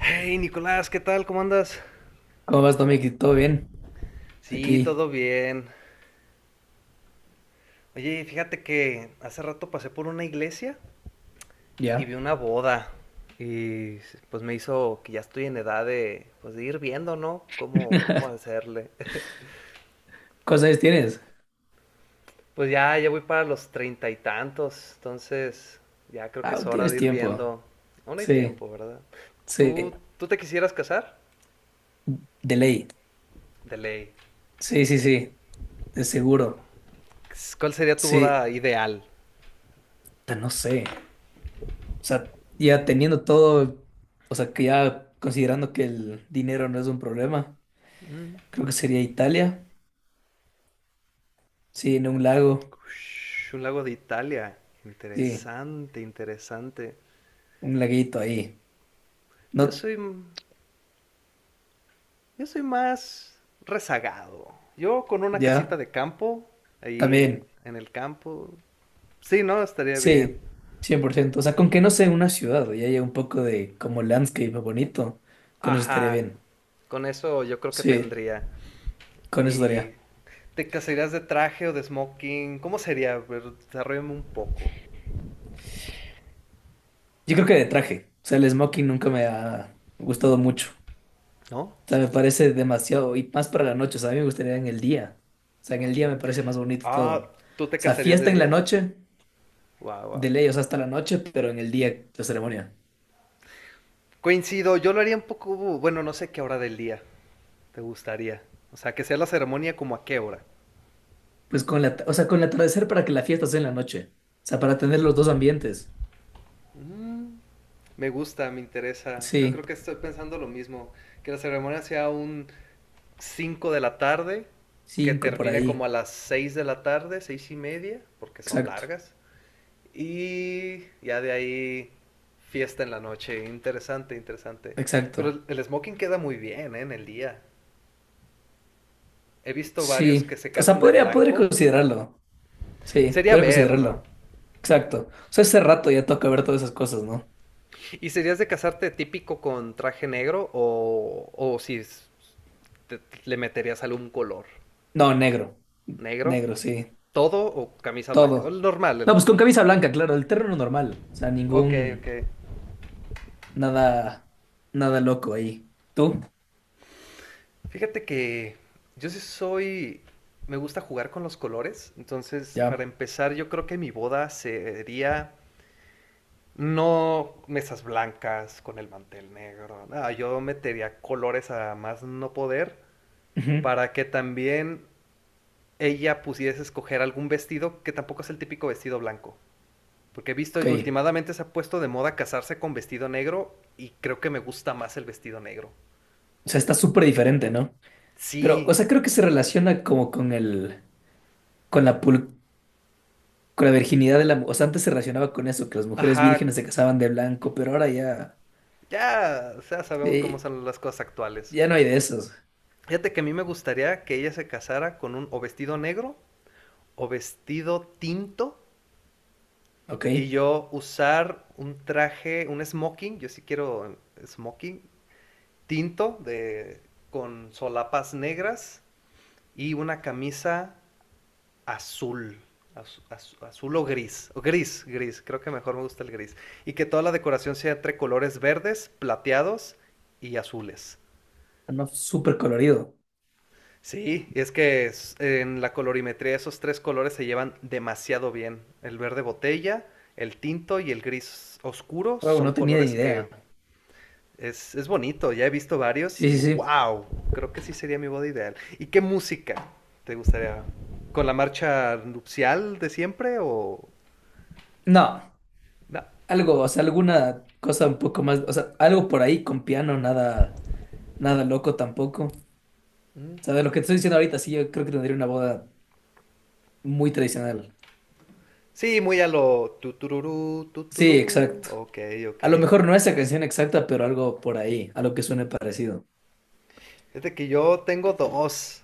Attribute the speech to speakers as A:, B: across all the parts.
A: Hey Nicolás, ¿qué tal? ¿Cómo andas?
B: ¿Cómo vas, Tommy? ¿Todo bien?
A: Sí,
B: Aquí,
A: todo bien. Oye, fíjate que hace rato pasé por una iglesia y
B: ya.
A: vi una boda. Y pues me hizo que ya estoy en edad de, pues, de ir viendo, ¿no? Cómo hacerle.
B: ¿Cosas tienes?
A: Pues ya voy para los treinta y tantos. Entonces, ya creo que
B: Ah,
A: es hora de
B: tienes
A: ir
B: tiempo.
A: viendo. Aún hay
B: Sí,
A: tiempo, ¿verdad?
B: sí,
A: ¿Tú, tú te quisieras casar?
B: de ley.
A: De ley.
B: Sí, sí, sí, de seguro.
A: ¿Cuál sería tu
B: Sí,
A: boda ideal?
B: pero no sé. O sea, ya teniendo todo, o sea, que ya considerando que el dinero no es un problema, creo que sería Italia. Sí, en un lago.
A: Un lago de Italia.
B: Sí,
A: Interesante, interesante.
B: un laguito ahí.
A: Yo
B: No,
A: soy, yo soy más rezagado. Yo con una
B: ya,
A: casita de campo, ahí
B: también.
A: en el campo. Sí, no, estaría bien.
B: Sí, 100%. O sea, con que no sea una ciudad y haya un poco de como landscape bonito, con eso estaría
A: Ajá.
B: bien.
A: Con eso yo creo que
B: Sí,
A: tendría.
B: con eso
A: ¿Y
B: estaría.
A: te casarías de traje o de smoking? ¿Cómo sería? A ver, desarrollame un poco.
B: Yo creo que de traje. O sea, el smoking nunca me ha gustado mucho.
A: ¿No?
B: O sea, me parece demasiado, y más para la noche. O sea, a mí me gustaría en el día. O sea, en el día me parece más bonito todo.
A: Ah, ¿tú
B: O
A: te
B: sea,
A: casarías de
B: fiesta en la
A: día?
B: noche,
A: Wow, wow.
B: de ley, o sea, hasta la noche, pero en el día la ceremonia.
A: Coincido, yo lo haría un poco, bueno, no sé qué hora del día. ¿Te gustaría? O sea, ¿que sea la ceremonia como a qué hora?
B: Pues con la, o sea, con el atardecer para que la fiesta sea en la noche. O sea, para tener los dos ambientes.
A: Mm, me gusta, me interesa. Yo
B: Sí,
A: creo que estoy pensando lo mismo. Que la ceremonia sea un 5 de la tarde, que
B: cinco por
A: termine como a
B: ahí.
A: las 6 de la tarde, 6:30, porque son
B: Exacto.
A: largas. Y ya de ahí fiesta en la noche. Interesante, interesante. Pero
B: Exacto.
A: el smoking queda muy bien, ¿eh? En el día. He visto varios que
B: Sí.
A: se
B: O sea,
A: casan de
B: podría
A: blanco.
B: considerarlo. Sí,
A: Sería
B: podría
A: ver, ¿no?
B: considerarlo. Exacto. O sea, ese rato ya toca ver todas esas cosas, ¿no?
A: ¿Y serías de casarte típico con traje negro o si te- le meterías algún color?
B: No, negro.
A: ¿Negro?
B: Negro, sí.
A: ¿Todo o camisa blanca? O el
B: Todo.
A: normal, el
B: No, pues con
A: normal.
B: camisa blanca, claro, el terreno normal. O sea,
A: Ok,
B: ningún.
A: ok.
B: Nada. Nada loco ahí. ¿Tú?
A: Fíjate que yo sí soy... me gusta jugar con los colores. Entonces, para
B: Ya.
A: empezar, yo creo que mi boda sería... no mesas blancas con el mantel negro. No, yo metería colores a más no poder
B: Ujú.
A: para que también ella pudiese escoger algún vestido que tampoco es el típico vestido blanco. Porque he visto,
B: Ok.
A: últimamente se ha puesto de moda casarse con vestido negro y creo que me gusta más el vestido negro.
B: O sea, está súper diferente, ¿no? Pero, o
A: Sí,
B: sea, creo que se relaciona como con el. Con la pul- Con la virginidad de la. O sea, antes se relacionaba con eso, que las mujeres
A: ajá,
B: vírgenes se casaban de blanco, pero ahora ya.
A: ya sabemos cómo
B: Sí,
A: son las cosas actuales.
B: ya no hay de esos.
A: Fíjate que a mí me gustaría que ella se casara con un o vestido negro o vestido tinto, y
B: Ok.
A: yo usar un traje, un smoking, yo sí quiero smoking, tinto de, con solapas negras y una camisa azul. Azul o gris, creo que mejor me gusta el gris. Y que toda la decoración sea entre colores verdes, plateados y azules.
B: No, súper colorido.
A: Sí, es que en la colorimetría esos tres colores se llevan demasiado bien. El verde botella, el tinto y el gris oscuro
B: Wow,
A: son
B: no tenía ni
A: colores
B: idea.
A: que... Es bonito, ya he visto varios
B: Sí,
A: y
B: sí, sí.
A: wow, creo que sí sería mi boda ideal. ¿Y qué música te gustaría? ¿Con la marcha nupcial de siempre o...?
B: No,
A: No.
B: algo, o sea, alguna cosa un poco más, o sea, algo por ahí con piano, nada, nada loco tampoco. Sabes lo que te estoy diciendo ahorita, sí, yo creo que tendría una boda muy tradicional.
A: Sí, muy a lo tutururú,
B: Sí,
A: tutururú.
B: exacto.
A: Ok, ok.
B: A lo mejor no esa canción exacta, pero algo por ahí, algo que suene parecido.
A: Es de que yo tengo dos.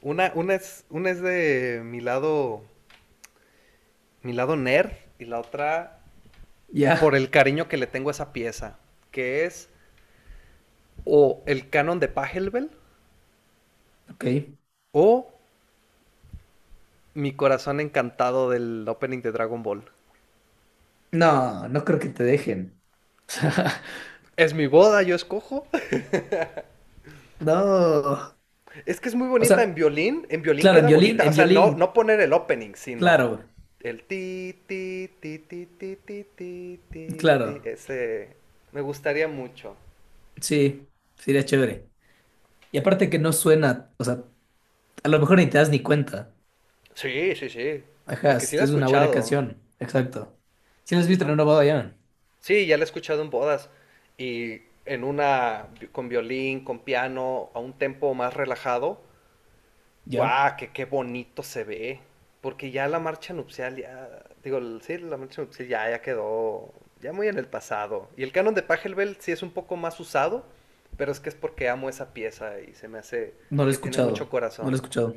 A: Una es de mi lado nerd, y la otra por
B: Ya,
A: el cariño que le tengo a esa pieza, que es o el canon de Pachelbel
B: ok.
A: o mi corazón encantado del opening de Dragon Ball.
B: No, no creo que te dejen.
A: Es mi boda, yo escojo.
B: No.
A: Es que es muy
B: O
A: bonita en
B: sea,
A: violín. En violín
B: claro,
A: queda bonita. O
B: en
A: sea,
B: violín,
A: no poner el opening, sino
B: claro.
A: el ti, ti, ti, ti, ti, ti, ti, ti,
B: Claro,
A: ti. Ese me gustaría mucho.
B: sí, sería chévere. Y aparte que no suena, o sea, a lo mejor ni te das ni cuenta.
A: Sí, sí, sí.
B: Ajá,
A: Porque sí
B: es
A: la he
B: es una buena
A: escuchado.
B: canción, exacto. ¿Si la has
A: Sí,
B: visto en una boda ya?
A: sí, ya la he escuchado en bodas. Y en una con violín, con piano, a un tempo más relajado,
B: Ya,
A: guau, qué bonito se ve. Porque ya la marcha nupcial, ya, digo, sí, la marcha nupcial ya quedó ya muy en el pasado. Y el canon de Pachelbel sí es un poco más usado, pero es que es porque amo esa pieza y se me hace
B: no lo he
A: que tiene mucho
B: escuchado, no lo
A: corazón.
B: he escuchado.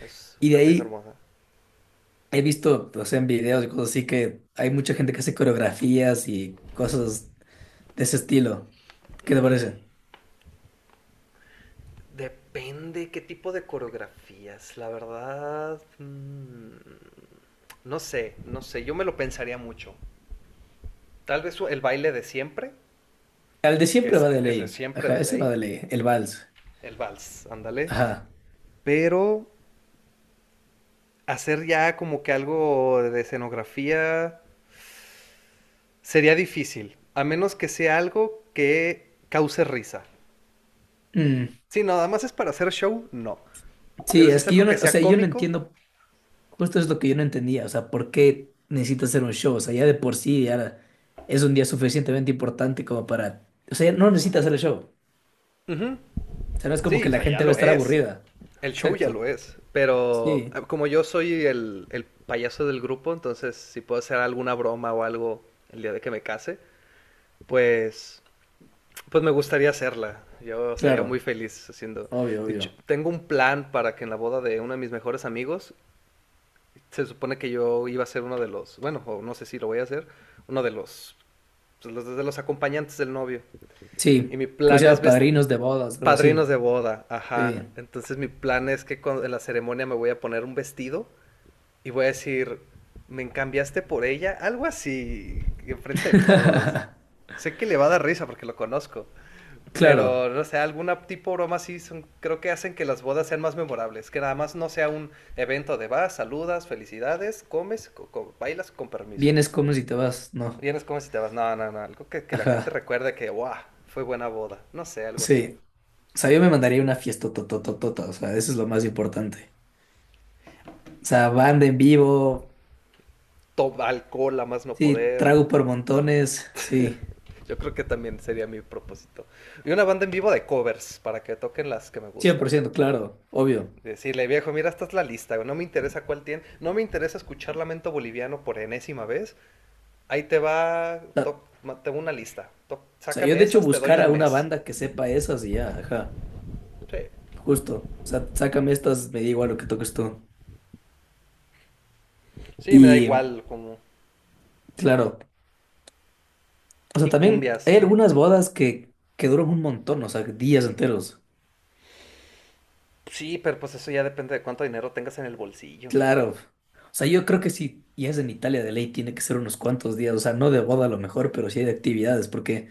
A: Es
B: Y de
A: una pieza
B: ahí
A: hermosa.
B: he visto, o sea, en videos y cosas así que hay mucha gente que hace coreografías y cosas de ese estilo. ¿Qué te
A: Mm,
B: parece?
A: depende qué tipo de coreografías, la verdad. Mm, no sé, yo me lo pensaría mucho. Tal vez el baile de siempre,
B: El de
A: que
B: siempre
A: es
B: va de
A: el de
B: ley,
A: siempre
B: ajá,
A: de
B: ese va
A: ley.
B: de ley, el vals,
A: El vals, ándale.
B: ajá.
A: Pero hacer ya como que algo de escenografía sería difícil, a menos que sea algo que cause risa.
B: Mm,
A: Si nada más es para hacer show, no. Pero
B: sí,
A: si
B: es
A: es
B: que yo
A: algo
B: no,
A: que
B: o
A: sea
B: sea, yo no
A: cómico,
B: entiendo. Justo es lo que yo no entendía, o sea, ¿por qué necesitas hacer un show? O sea, ya de por sí ya es un día suficientemente importante como para... O sea, ya no necesitas hacer el show.
A: ujú,
B: O sea, no es como
A: sí,
B: que
A: o
B: la
A: sea, ya
B: gente va a
A: lo
B: estar
A: es.
B: aburrida.
A: El show ya
B: Exacto.
A: lo es. Pero
B: Sí,
A: como yo soy el payaso del grupo, entonces si puedo hacer alguna broma o algo el día de que me case, pues Pues me gustaría hacerla. Yo sería muy
B: claro,
A: feliz haciendo.
B: obvio,
A: De hecho,
B: obvio.
A: tengo un plan para que en la boda de uno de mis mejores amigos, se supone que yo iba a ser uno de los, bueno, o no sé si lo voy a hacer, uno de los, pues, de los acompañantes del novio. Y
B: Sí,
A: mi
B: cosa
A: plan es
B: sea, padrinos de bodas, algo
A: padrinos
B: así.
A: de boda,
B: Sí.
A: ajá. Entonces mi plan es que en la ceremonia me voy a poner un vestido y voy a decir, me cambiaste por ella, algo así, enfrente de todos. Sé que le va a dar risa porque lo conozco.
B: Claro,
A: Pero, no sé, alguna tipo broma sí son, creo que hacen que las bodas sean más memorables, que nada más no sea un evento de vas, saludas, felicidades, comes, bailas con permiso.
B: vienes, comes y te vas, ¿no?
A: Vienes, comes y te vas. No, no, no, algo que la gente
B: Ajá,
A: recuerde que, wow, fue buena boda. No sé, algo así.
B: sí. O sea, yo me mandaría una fiesta totototota, o sea, eso es lo más importante. O sea, banda en vivo.
A: Toma alcohol a más no
B: Sí,
A: poder.
B: trago por montones, sí,
A: Yo creo que también sería mi propósito. Y una banda en vivo de covers para que toquen las que me
B: cien
A: gustan.
B: por ciento claro, obvio.
A: Decirle, viejo, mira, esta es la lista, güey, no me interesa cuál tiene, no me interesa escuchar Lamento Boliviano por enésima vez, ahí te va, toc,
B: Ta-
A: tengo una lista. Toc,
B: o sea, yo
A: sácame
B: de hecho
A: esas, te doy
B: buscar a
A: un
B: una
A: mes.
B: banda que sepa esas y ya, ajá,
A: Sí.
B: justo. O sea, sácame estas, me da igual lo que toques tú.
A: Sí, me da
B: Y
A: igual como...
B: claro, o sea,
A: Y
B: también hay
A: cumbias.
B: algunas
A: Un-
B: bodas que duran un montón, o sea, días enteros.
A: Sí, pero pues eso ya depende de cuánto dinero tengas en el bolsillo.
B: Claro. O sea, yo creo que si ya es en Italia de ley, tiene que ser unos cuantos días, o sea, no de boda a lo mejor, pero sí hay de actividades, porque,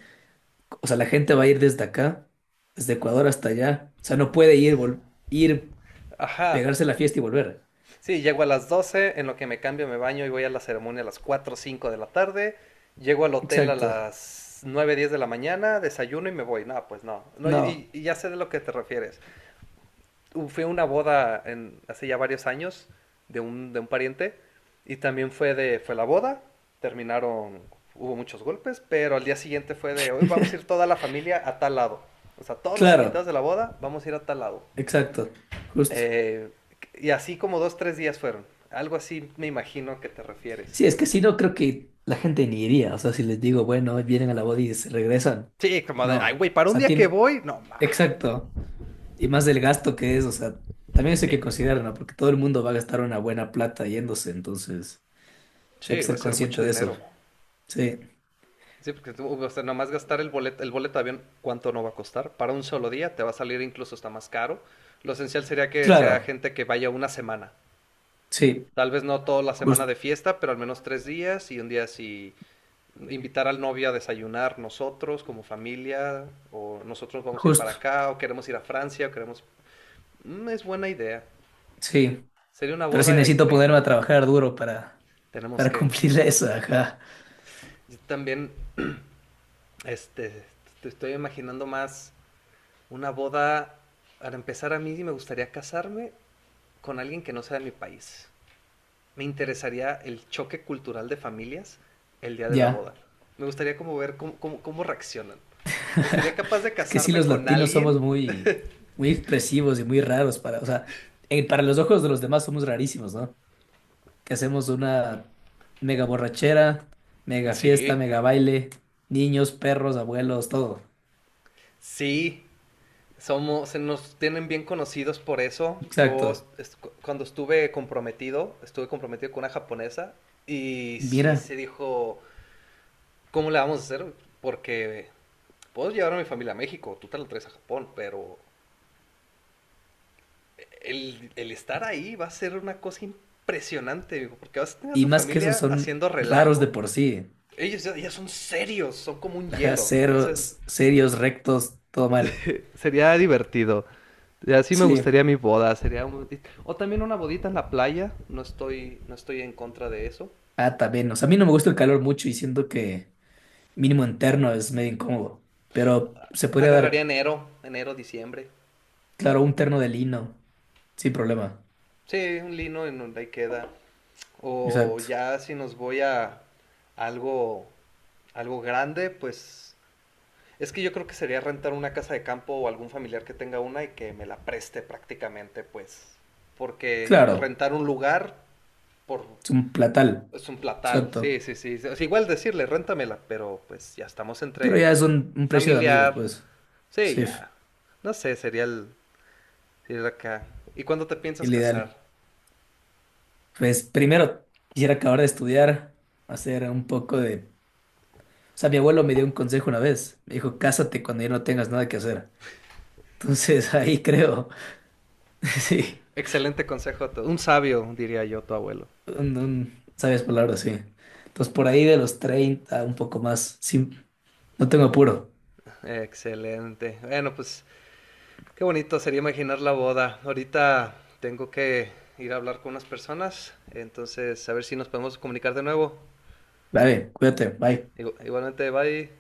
B: o sea, la gente va a ir desde acá, desde Ecuador hasta allá, o sea, no puede ir, ir
A: Ajá.
B: pegarse la fiesta y volver.
A: Sí, llego a las 12 en lo que me cambio, me baño y voy a la ceremonia a las cuatro o 5 de la tarde. Llego al hotel a
B: Exacto.
A: las 9:10 de la mañana, desayuno y me voy. No, pues no. No,
B: No.
A: y ya sé de lo que te refieres. Fui a una boda hace ya varios años de un pariente y también fue la boda, terminaron, hubo muchos golpes, pero al día siguiente hoy vamos a ir toda la familia a tal lado. O sea, todos los
B: Claro,
A: invitados de la boda, vamos a ir a tal lado.
B: exacto, justo.
A: Eh, y así como dos, tres días fueron. Algo así me imagino que te refieres.
B: Sí, es que si no, creo que la gente ni iría. O sea, si les digo, bueno, vienen a la boda y se regresan.
A: Sí, como de,
B: No.
A: ay,
B: O
A: güey, para un
B: sea,
A: día que
B: tiene.
A: voy, no, ma.
B: Exacto. Y más del gasto que es, o sea, también eso hay que
A: Eh,
B: considerar, ¿no? Porque todo el mundo va a gastar una buena plata yéndose, entonces, o sea, hay
A: sí,
B: que
A: va a
B: ser
A: ser mucho
B: consciente de eso.
A: dinero.
B: Sí,
A: Sí, porque tú, o sea, nomás gastar el boleto de avión, ¿cuánto no va a costar? Para un solo día te va a salir incluso hasta más caro. Lo esencial sería que sea
B: claro,
A: gente que vaya una semana.
B: sí,
A: Tal vez no toda la semana
B: justo,
A: de fiesta, pero al menos 3 días y un día si invitar al novio a desayunar nosotros como familia, o nosotros vamos a ir para
B: justo,
A: acá, o queremos ir a Francia, o queremos... Mm, es buena idea.
B: sí.
A: Sería una
B: Pero sí
A: boda
B: necesito ponerme
A: increíble.
B: a trabajar duro
A: Tenemos
B: para
A: que...
B: cumplir eso, ajá.
A: Yo también, este, te estoy imaginando más una boda. Para empezar, a mí me gustaría casarme con alguien que no sea de mi país. Me interesaría el choque cultural de familias el día de la
B: Ya.
A: boda. Me gustaría como ver cómo reaccionan. O sea, ¿sería capaz de
B: Es que sí,
A: casarme
B: los
A: con
B: latinos somos
A: alguien?
B: muy, muy expresivos y muy raros para, o sea, para los ojos de los demás somos rarísimos, ¿no? Que hacemos una mega borrachera, mega fiesta,
A: Sí,
B: mega baile, niños, perros, abuelos, todo.
A: sí. Somos, se nos tienen bien conocidos por eso. Yo
B: Exacto.
A: cuando estuve comprometido con una japonesa y
B: Mira,
A: sí se dijo, ¿cómo le vamos a hacer? Porque puedo llevar a mi familia a México, tú te lo traes a Japón, pero el estar ahí va a ser una cosa impresionante, digo, porque vas a tener a
B: y
A: tu
B: más que eso
A: familia
B: son
A: haciendo
B: raros de
A: relajo.
B: por sí.
A: Ellos ya son serios, son como un
B: Ajá,
A: hielo, entonces
B: ceros, serios, rectos, todo mal.
A: sería divertido. Así me gustaría
B: Sí.
A: mi boda, sería o también una bodita en la playa, no estoy en contra de eso.
B: Ah, también. O sea, a mí no me gusta el calor mucho y siento que mínimo interno es medio incómodo, pero se podría
A: Agarraría
B: dar.
A: enero, diciembre.
B: Claro, un terno de lino, sin problema.
A: Sí, un lino en donde ahí queda. O
B: Exacto.
A: ya si nos voy a algo algo grande, pues es que yo creo que sería rentar una casa de campo o algún familiar que tenga una y que me la preste prácticamente, pues. Porque
B: Claro,
A: rentar un lugar por
B: es un platal.
A: es un platal.
B: Exacto.
A: Sí, sí, sí. Es igual decirle, réntamela, pero pues ya estamos
B: Pero
A: entre,
B: ya es
A: entre
B: un, precio de amigos,
A: familiar.
B: pues.
A: Sí,
B: Sí,
A: ya. No sé, sería el ir acá. ¿Y cuándo te piensas
B: el
A: casar?
B: ideal. Pues primero quisiera acabar de estudiar, hacer un poco de... O sea, mi abuelo me dio un consejo una vez. Me dijo, cásate cuando ya no tengas nada que hacer. Entonces ahí creo, sí,
A: Excelente consejo, un sabio, diría yo, tu abuelo.
B: un, sabias palabras, sí. Entonces por ahí de los 30, un poco más. Sí, no tengo apuro.
A: Excelente. Bueno, pues qué bonito sería imaginar la boda. Ahorita tengo que ir a hablar con unas personas, entonces a ver si nos podemos comunicar de nuevo.
B: Vale, cuídate, bye.
A: Igualmente, bye.